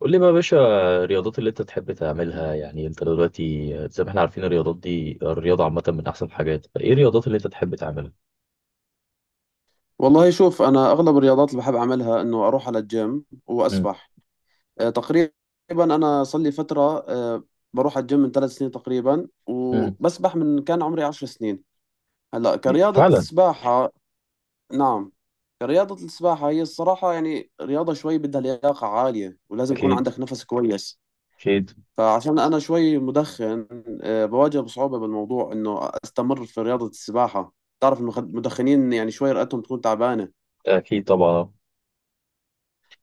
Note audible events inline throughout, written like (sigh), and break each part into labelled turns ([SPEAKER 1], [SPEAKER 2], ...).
[SPEAKER 1] قول لي بقى يا باشا. الرياضات اللي انت تحب تعملها، يعني انت دلوقتي زي ما احنا عارفين الرياضات دي، الرياضة عامة من احسن الحاجات، فايه الرياضات اللي انت تحب تعملها؟
[SPEAKER 2] والله شوف انا اغلب الرياضات اللي بحب اعملها انه اروح على الجيم
[SPEAKER 1] مم.
[SPEAKER 2] واسبح تقريبا. انا صار لي فتره. آه، بروح على الجيم من 3 سنين تقريبا
[SPEAKER 1] مم.
[SPEAKER 2] وبسبح من كان عمري 10 سنين. هلا كرياضه
[SPEAKER 1] فعلا.
[SPEAKER 2] السباحه. نعم. كرياضه السباحه هي الصراحه، يعني رياضه شوي بدها لياقه عاليه ولازم يكون
[SPEAKER 1] اكيد.
[SPEAKER 2] عندك نفس كويس.
[SPEAKER 1] اكيد.
[SPEAKER 2] فعشان انا شوي مدخن، بواجه بصعوبه بالموضوع انه استمر في رياضه السباحه. تعرف المدخنين، يعني شوي رئتهم تكون تعبانه.
[SPEAKER 1] اكيد طبعا.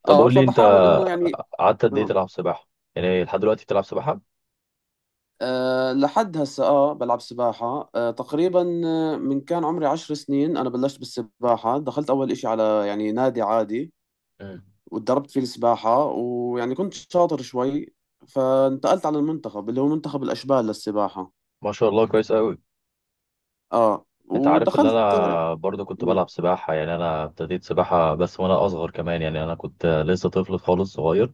[SPEAKER 1] طب
[SPEAKER 2] اه
[SPEAKER 1] قول لي انت،
[SPEAKER 2] فبحاول انه يعني
[SPEAKER 1] قعدت قد ايه
[SPEAKER 2] آه
[SPEAKER 1] تلعب سباحة؟ يعني لحد دلوقتي بتلعب سباحة؟
[SPEAKER 2] لحد هسه بلعب سباحة تقريبا. من كان عمري 10 سنين انا بلشت بالسباحة، دخلت اول اشي على يعني نادي عادي
[SPEAKER 1] مم.
[SPEAKER 2] وتدربت فيه السباحة، ويعني كنت شاطر شوي فانتقلت على المنتخب اللي هو منتخب الاشبال للسباحة.
[SPEAKER 1] ما شاء الله، كويس قوي.
[SPEAKER 2] اه
[SPEAKER 1] انت عارف ان
[SPEAKER 2] ودخلت.
[SPEAKER 1] انا برضه كنت
[SPEAKER 2] مم.
[SPEAKER 1] بلعب سباحة، يعني انا ابتديت سباحة بس وانا اصغر كمان، يعني انا كنت لسه طفل خالص صغير،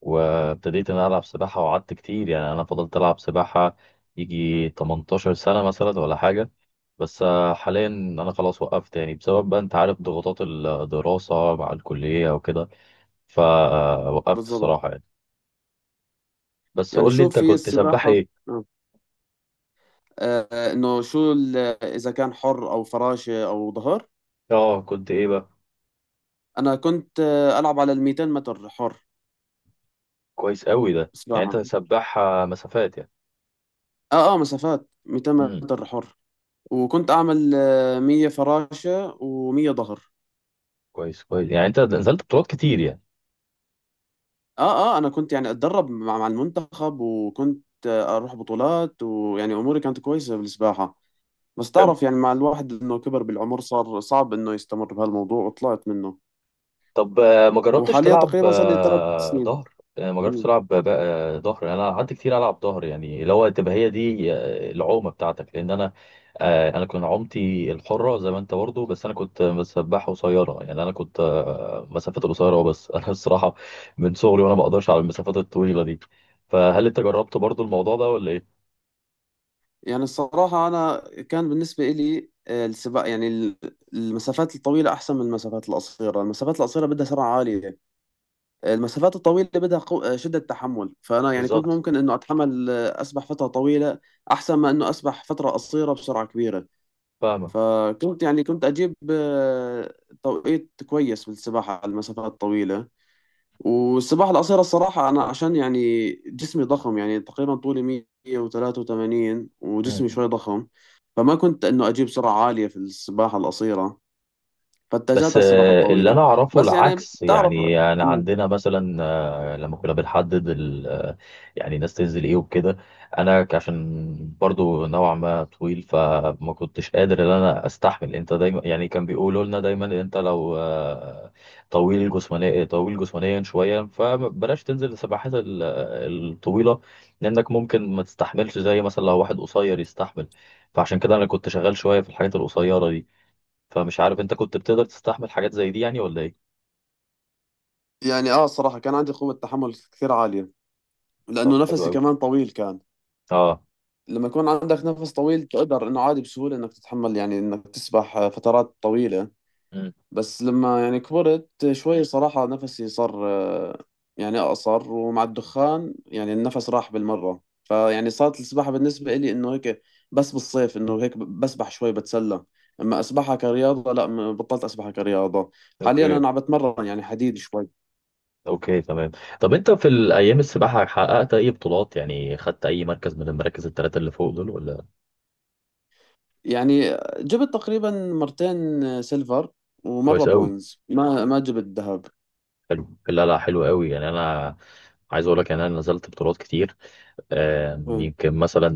[SPEAKER 1] وابتديت ان أنا العب سباحه وقعدت كتير، يعني انا فضلت العب سباحه يجي 18 سنه مثلا ولا حاجه. بس حاليا انا خلاص وقفت يعني، بسبب بقى انت عارف ضغوطات الدراسه مع الكليه وكده، فوقفت
[SPEAKER 2] بالضبط.
[SPEAKER 1] الصراحه يعني. بس
[SPEAKER 2] يعني
[SPEAKER 1] قول لي انت
[SPEAKER 2] شوف، هي
[SPEAKER 1] كنت سباح
[SPEAKER 2] السباحة.
[SPEAKER 1] ايه؟
[SPEAKER 2] آه. آه، انه شو ال- اذا كان حر او فراشة او ظهر.
[SPEAKER 1] اه كنت ايه بقى؟
[SPEAKER 2] انا كنت العب على ال 200 متر حر
[SPEAKER 1] كويس قوي ده، يعني انت
[SPEAKER 2] سباحة.
[SPEAKER 1] سباح مسافات يعني.
[SPEAKER 2] اه مسافات 200
[SPEAKER 1] امم.
[SPEAKER 2] متر حر. وكنت اعمل 100 فراشة و100 ظهر.
[SPEAKER 1] كويس كويس، يعني انت نزلت بطولات كتير يعني.
[SPEAKER 2] اه انا كنت يعني اتدرب مع المنتخب، وكنت اروح بطولات، ويعني اموري كانت كويسة بالسباحة. بس
[SPEAKER 1] حلو.
[SPEAKER 2] تعرف يعني مع الواحد انه كبر بالعمر صار صعب انه يستمر بهالموضوع وطلعت منه.
[SPEAKER 1] طب ما جربتش
[SPEAKER 2] وحاليا
[SPEAKER 1] تلعب
[SPEAKER 2] تقريبا صار لي ثلاث سنين
[SPEAKER 1] ظهر؟ ما جربتش
[SPEAKER 2] مم.
[SPEAKER 1] تلعب ظهر؟ يعني انا قعدت كتير العب ظهر، يعني اللي هو تبقى هي دي العومه بتاعتك، لان انا كنت عومتي الحره زي ما انت برضه، بس انا كنت مسبحه قصيره، يعني انا كنت مسافات القصيره أه بس (laughs) انا الصراحه من صغري وانا ما اقدرش على المسافات الطويله دي. فهل انت جربت برضه الموضوع ده ولا ايه؟
[SPEAKER 2] يعني الصراحة، أنا كان بالنسبة إلي السباق، يعني المسافات الطويلة أحسن من المسافات القصيرة. المسافات القصيرة بدها سرعة عالية، المسافات الطويلة بدها شدة تحمل. فأنا يعني كنت
[SPEAKER 1] بالظبط.
[SPEAKER 2] ممكن إنه أتحمل أسبح فترة طويلة أحسن ما إنه أسبح فترة قصيرة بسرعة كبيرة.
[SPEAKER 1] فاهمك.
[SPEAKER 2] فكنت يعني كنت أجيب توقيت كويس بالسباحة على المسافات الطويلة. والسباحة القصيرة الصراحة، أنا عشان يعني جسمي ضخم، يعني تقريبا طولي 183 وجسمي شوي ضخم، فما كنت إنه أجيب سرعة عالية في السباحة القصيرة، فاتجهت
[SPEAKER 1] بس
[SPEAKER 2] على السباحة
[SPEAKER 1] اللي
[SPEAKER 2] الطويلة.
[SPEAKER 1] انا اعرفه
[SPEAKER 2] بس يعني
[SPEAKER 1] العكس،
[SPEAKER 2] بتعرف.
[SPEAKER 1] يعني انا عندنا مثلا لما كنا بنحدد يعني الناس تنزل ايه وكده. انا عشان برضو نوعا ما طويل، فما كنتش قادر ان انا استحمل. انت دايما يعني كان بيقولوا لنا دايما انت لو طويل جسمانيا، شويه فبلاش تنزل السباحات الطويله، لانك ممكن ما تستحملش زي مثلا لو واحد قصير يستحمل. فعشان كده انا كنت شغال شويه في الحاجات القصيره دي، فمش عارف انت كنت بتقدر تستحمل حاجات زي دي يعني ولا ايه؟
[SPEAKER 2] يعني صراحة كان عندي قوة تحمل كثير عالية،
[SPEAKER 1] طب
[SPEAKER 2] لأنه
[SPEAKER 1] حلو
[SPEAKER 2] نفسي
[SPEAKER 1] قوي.
[SPEAKER 2] كمان طويل كان.
[SPEAKER 1] اه.
[SPEAKER 2] لما يكون عندك نفس طويل تقدر إنه عادي بسهولة إنك تتحمل، يعني إنك تسبح فترات طويلة.
[SPEAKER 1] امم.
[SPEAKER 2] بس لما يعني كبرت شوي صراحة نفسي صار يعني أقصر، ومع الدخان يعني النفس راح بالمرة، فيعني صارت السباحة بالنسبة إلي إنه هيك. بس بالصيف إنه هيك بسبح شوي بتسلى، أما أسبحها كرياضة لا. بطلت أسبحها كرياضة. حاليا
[SPEAKER 1] اوكي.
[SPEAKER 2] أنا عم بتمرن يعني حديد شوي.
[SPEAKER 1] اوكي تمام. طب انت في الايام السباحه حققت اي بطولات؟ يعني خدت اي مركز من المراكز الثلاثه اللي فوق دول ولا؟
[SPEAKER 2] يعني جبت تقريبا مرتين سيلفر ومرة
[SPEAKER 1] كويس قوي.
[SPEAKER 2] برونز. ما جبت ذهب.
[SPEAKER 1] حلو. لا لا حلو قوي. يعني انا عايز اقول لك يعني انا نزلت بطولات كتير،
[SPEAKER 2] مم.
[SPEAKER 1] يمكن مثلا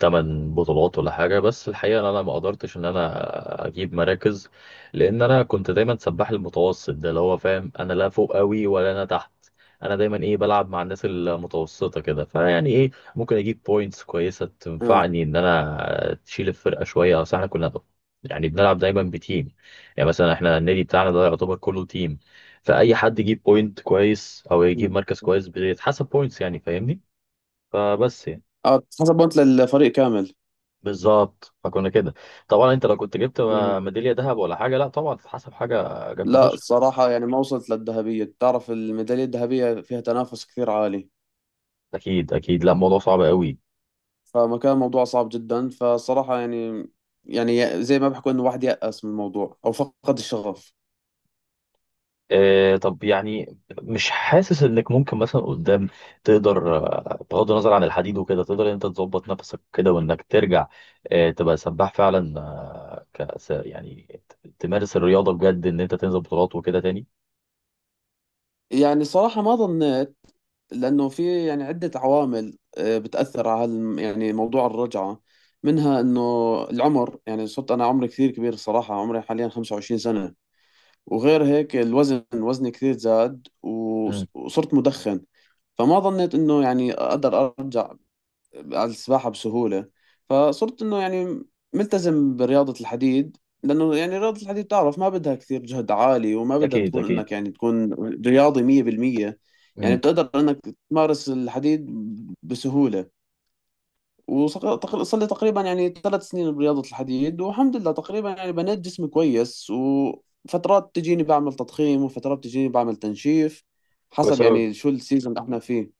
[SPEAKER 1] 8 بطولات ولا حاجة. بس الحقيقة إن أنا ما قدرتش إن أنا أجيب مراكز، لأن أنا كنت دايما سباح المتوسط ده، اللي هو فاهم، أنا لا فوق أوي ولا أنا تحت. أنا دايما إيه بلعب مع الناس المتوسطة كده، فيعني إيه، ممكن أجيب بوينتس كويسة
[SPEAKER 2] اه.
[SPEAKER 1] تنفعني إن أنا تشيل الفرقة شوية، أصل إحنا كنا يعني بنلعب دايما بتيم. يعني مثلا إحنا النادي بتاعنا ده يعتبر كله تيم، فأي حد يجيب بوينت كويس أو يجيب
[SPEAKER 2] مم.
[SPEAKER 1] مركز كويس بيتحسب بوينتس، يعني فاهمني؟ فبس يعني،
[SPEAKER 2] اه، حسب بونت للفريق كامل.
[SPEAKER 1] بالظبط، فكنا كده. طبعا انت لو كنت جبت
[SPEAKER 2] مم.
[SPEAKER 1] ميداليه ذهب ولا حاجه، لا طبعا تتحسب حاجه جامده
[SPEAKER 2] لا
[SPEAKER 1] فشخ.
[SPEAKER 2] الصراحة يعني ما وصلت للذهبية، تعرف الميدالية الذهبية فيها تنافس كثير عالي،
[SPEAKER 1] اكيد اكيد. لا الموضوع صعب قوي.
[SPEAKER 2] فما كان الموضوع صعب جدا. فصراحة يعني، يعني زي ما بحكوا انه واحد يأس من الموضوع او فقد الشغف.
[SPEAKER 1] آه طب يعني مش حاسس انك ممكن مثلا قدام تقدر بغض النظر عن الحديد وكده تقدر انت تظبط نفسك كده وانك ترجع آه تبقى سباح فعلا آه كأس، يعني تمارس الرياضه بجد ان انت تنزل بطولات وكده تاني؟
[SPEAKER 2] يعني صراحة ما ظنيت، لأنه في يعني عدة عوامل بتأثر على يعني موضوع الرجعة. منها إنه العمر، يعني صرت أنا عمري كثير كبير الصراحة، عمري حاليا 25 سنة. وغير هيك الوزن، وزني كثير زاد،
[SPEAKER 1] امم.
[SPEAKER 2] وصرت مدخن. فما ظنيت إنه يعني أقدر أرجع على السباحة بسهولة، فصرت إنه يعني ملتزم برياضة الحديد، لأنه يعني رياضة الحديد تعرف ما بدها كثير جهد عالي وما بدها
[SPEAKER 1] اكيد
[SPEAKER 2] تكون
[SPEAKER 1] اكيد.
[SPEAKER 2] إنك يعني تكون رياضي 100%. يعني
[SPEAKER 1] امم.
[SPEAKER 2] بتقدر إنك تمارس الحديد بسهولة. وصار لي تقريبا يعني 3 سنين برياضة الحديد، والحمد لله تقريبا يعني بنيت جسمي كويس، وفترات تجيني بعمل تضخيم وفترات تجيني بعمل تنشيف،
[SPEAKER 1] كويس
[SPEAKER 2] حسب
[SPEAKER 1] قوي.
[SPEAKER 2] يعني شو السيزون اللي احنا فيه.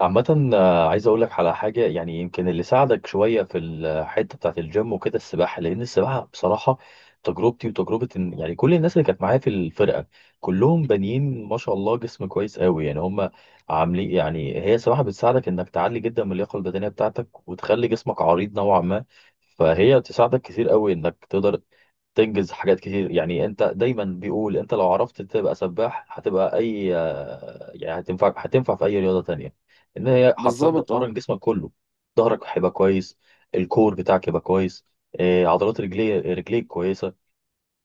[SPEAKER 1] عامة عايز أقول لك على حاجة، يعني يمكن اللي ساعدك شوية في الحتة بتاعة الجيم وكده السباحة، لأن السباحة بصراحة تجربتي وتجربة يعني كل الناس اللي كانت معايا في الفرقة كلهم بانيين ما شاء الله جسم كويس قوي يعني. هم عاملين يعني، هي السباحة بتساعدك إنك تعلي جدا من اللياقة البدنية بتاعتك وتخلي جسمك عريض نوعا ما، فهي بتساعدك كتير قوي إنك تقدر تنجز حاجات كتير. يعني انت دايما بيقول انت لو عرفت تبقى سباح هتبقى اي يعني هتنفع في اي رياضة تانية، ان هي حرفيا
[SPEAKER 2] بالضبط. اه
[SPEAKER 1] بتمرن جسمك كله. ظهرك هيبقى كويس، الكور بتاعك يبقى كويس، إيه، عضلات رجليك كويسه.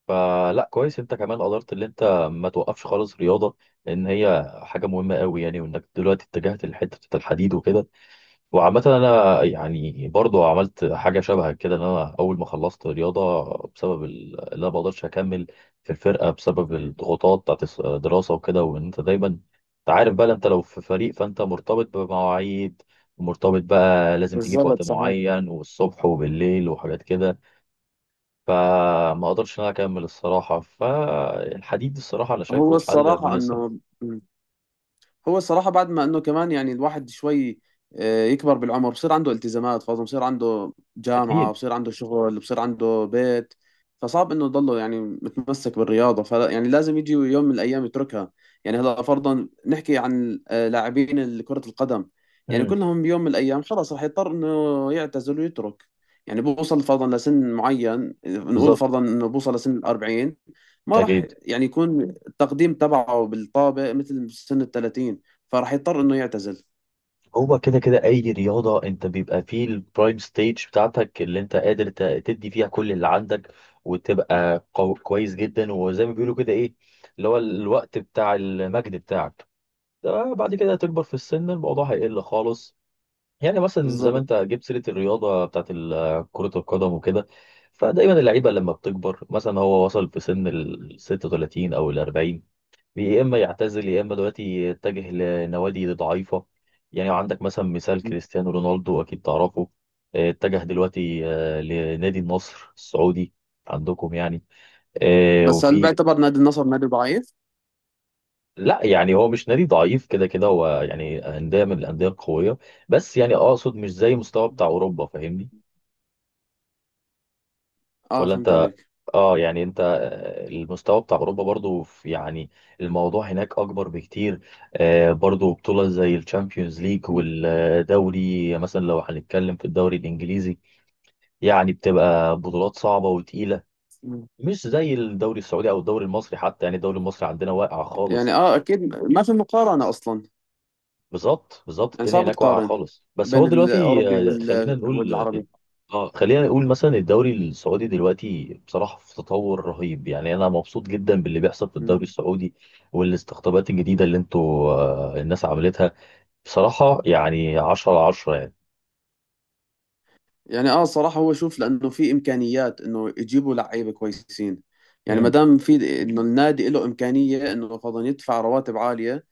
[SPEAKER 1] فلا كويس انت كمان قدرت ان انت ما توقفش خالص رياضه، لان هي حاجه مهمه قوي يعني. وانك دلوقتي اتجهت لحته الحديد وكده. وعامة أنا يعني برضو عملت حاجة شبه كده، إن أنا أول ما خلصت رياضة بسبب اللي أنا ما بقدرش أكمل في الفرقة بسبب الضغوطات بتاعت الدراسة وكده، وإن أنت دايما أنت عارف بقى، أنت لو في فريق فأنت مرتبط بمواعيد، مرتبط بقى لازم تيجي في وقت
[SPEAKER 2] بالضبط، صحيح.
[SPEAKER 1] معين والصبح وبالليل وحاجات كده، فما أقدرش إن أنا أكمل الصراحة. فالحديد الصراحة أنا
[SPEAKER 2] هو
[SPEAKER 1] شايفه حل
[SPEAKER 2] الصراحة
[SPEAKER 1] مناسب.
[SPEAKER 2] انه هو الصراحة بعد ما انه كمان يعني الواحد شوي يكبر بالعمر، بصير عنده التزامات، فاظن بصير عنده
[SPEAKER 1] أكيد.
[SPEAKER 2] جامعة، بصير عنده شغل، بصير عنده بيت. فصعب انه يضله يعني متمسك بالرياضة، فلا يعني لازم يجي يوم من الايام يتركها. يعني هلا فرضا نحكي عن لاعبين كرة القدم. يعني
[SPEAKER 1] مم.
[SPEAKER 2] كلهم بيوم من الايام خلاص رح يضطر انه يعتزل ويترك. يعني بوصل فرضا لسن معين، نقول
[SPEAKER 1] بالظبط.
[SPEAKER 2] فرضا انه بوصل لسن ال 40. ما راح
[SPEAKER 1] أكيد.
[SPEAKER 2] يعني يكون التقديم تبعه بالطابق مثل سن ال 30، فراح يضطر انه يعتزل.
[SPEAKER 1] هو كده كده اي رياضه انت بيبقى فيه البرايم ستيج بتاعتك، اللي انت قادر تدي فيها كل اللي عندك وتبقى كويس جدا، وزي ما بيقولوا كده ايه، اللي هو الوقت بتاع المجد بتاعك. ده بعد كده هتكبر في السن، الموضوع هيقل خالص. يعني مثلا زي ما
[SPEAKER 2] بالضبط.
[SPEAKER 1] انت جبت سيره الرياضه بتاعت كره القدم وكده، فدايما اللعيبه لما بتكبر مثلا هو وصل في سن ال 36 او ال 40، يا اما يعتزل يا اما دلوقتي يتجه لنوادي ضعيفه. يعني عندك مثلا مثال كريستيانو رونالدو، اكيد تعرفه. اتجه دلوقتي لنادي النصر السعودي عندكم يعني. آه،
[SPEAKER 2] بس هل
[SPEAKER 1] وفي
[SPEAKER 2] بيعتبر نادي النصر نادي ضعيف؟
[SPEAKER 1] لا يعني هو مش نادي ضعيف، كده كده هو يعني انديه من الانديه القويه، بس يعني اقصد مش زي مستوى بتاع اوروبا، فاهمني
[SPEAKER 2] اه
[SPEAKER 1] ولا
[SPEAKER 2] فهمت
[SPEAKER 1] انت؟
[SPEAKER 2] عليك.
[SPEAKER 1] اه يعني انت المستوى بتاع اوروبا برضو يعني الموضوع هناك اكبر بكتير. برضو بطولة زي الشامبيونز ليج
[SPEAKER 2] مم.
[SPEAKER 1] والدوري، مثلا لو هنتكلم في الدوري الانجليزي يعني بتبقى بطولات صعبة وتقيلة،
[SPEAKER 2] مم.
[SPEAKER 1] مش زي الدوري السعودي او الدوري المصري. حتى يعني الدوري المصري عندنا واقع
[SPEAKER 2] يعني
[SPEAKER 1] خالص.
[SPEAKER 2] اه اكيد ما في مقارنة اصلا.
[SPEAKER 1] بالظبط بالظبط.
[SPEAKER 2] يعني
[SPEAKER 1] الدنيا
[SPEAKER 2] صعب
[SPEAKER 1] هناك واقعه
[SPEAKER 2] تقارن
[SPEAKER 1] خالص بس هو
[SPEAKER 2] بين
[SPEAKER 1] دلوقتي،
[SPEAKER 2] الاوروبي
[SPEAKER 1] آه، خلينا نقول اه
[SPEAKER 2] والعربي.
[SPEAKER 1] خلينا نقول مثلا الدوري السعودي دلوقتي بصراحه في تطور رهيب، يعني انا مبسوط جدا باللي بيحصل في الدوري
[SPEAKER 2] مم.
[SPEAKER 1] السعودي والاستقطابات الجديده اللي انتوا الناس عملتها، بصراحه يعني 10 على 10 يعني.
[SPEAKER 2] يعني اه صراحة، هو شوف لانه في امكانيات انه يجيبوا لعيبة كويسين، يعني ما
[SPEAKER 1] امم.
[SPEAKER 2] دام في انه النادي له امكانية انه فضلا يدفع رواتب عالية،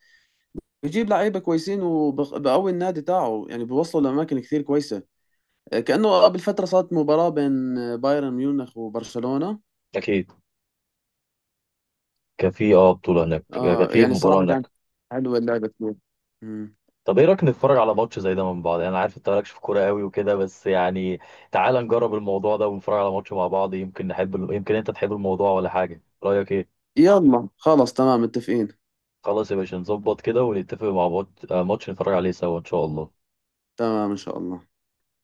[SPEAKER 2] يجيب لعيبة كويسين وبقوي النادي تاعه، يعني بيوصلوا لاماكن كثير كويسة. كأنه قبل فترة صارت مباراة بين بايرن ميونخ وبرشلونة.
[SPEAKER 1] اكيد. كان في بطوله هناك، كان في
[SPEAKER 2] يعني
[SPEAKER 1] مباراه
[SPEAKER 2] صراحة كانت
[SPEAKER 1] هناك.
[SPEAKER 2] حلوة اللعبة كتير. مم.
[SPEAKER 1] طب ايه رايك نتفرج على ماتش زي ده من بعض، يعني انا عارف انت مالكش في كوره قوي وكده، بس يعني تعال نجرب الموضوع ده ونتفرج على ماتش مع بعض. يمكن نحب يمكن انت تحب الموضوع ولا حاجه؟ رايك ايه؟
[SPEAKER 2] يلا خلاص تمام متفقين.
[SPEAKER 1] خلاص يا باشا، نظبط كده ونتفق مع ماتش نتفرج عليه سوا ان شاء الله.
[SPEAKER 2] تمام إن شاء الله.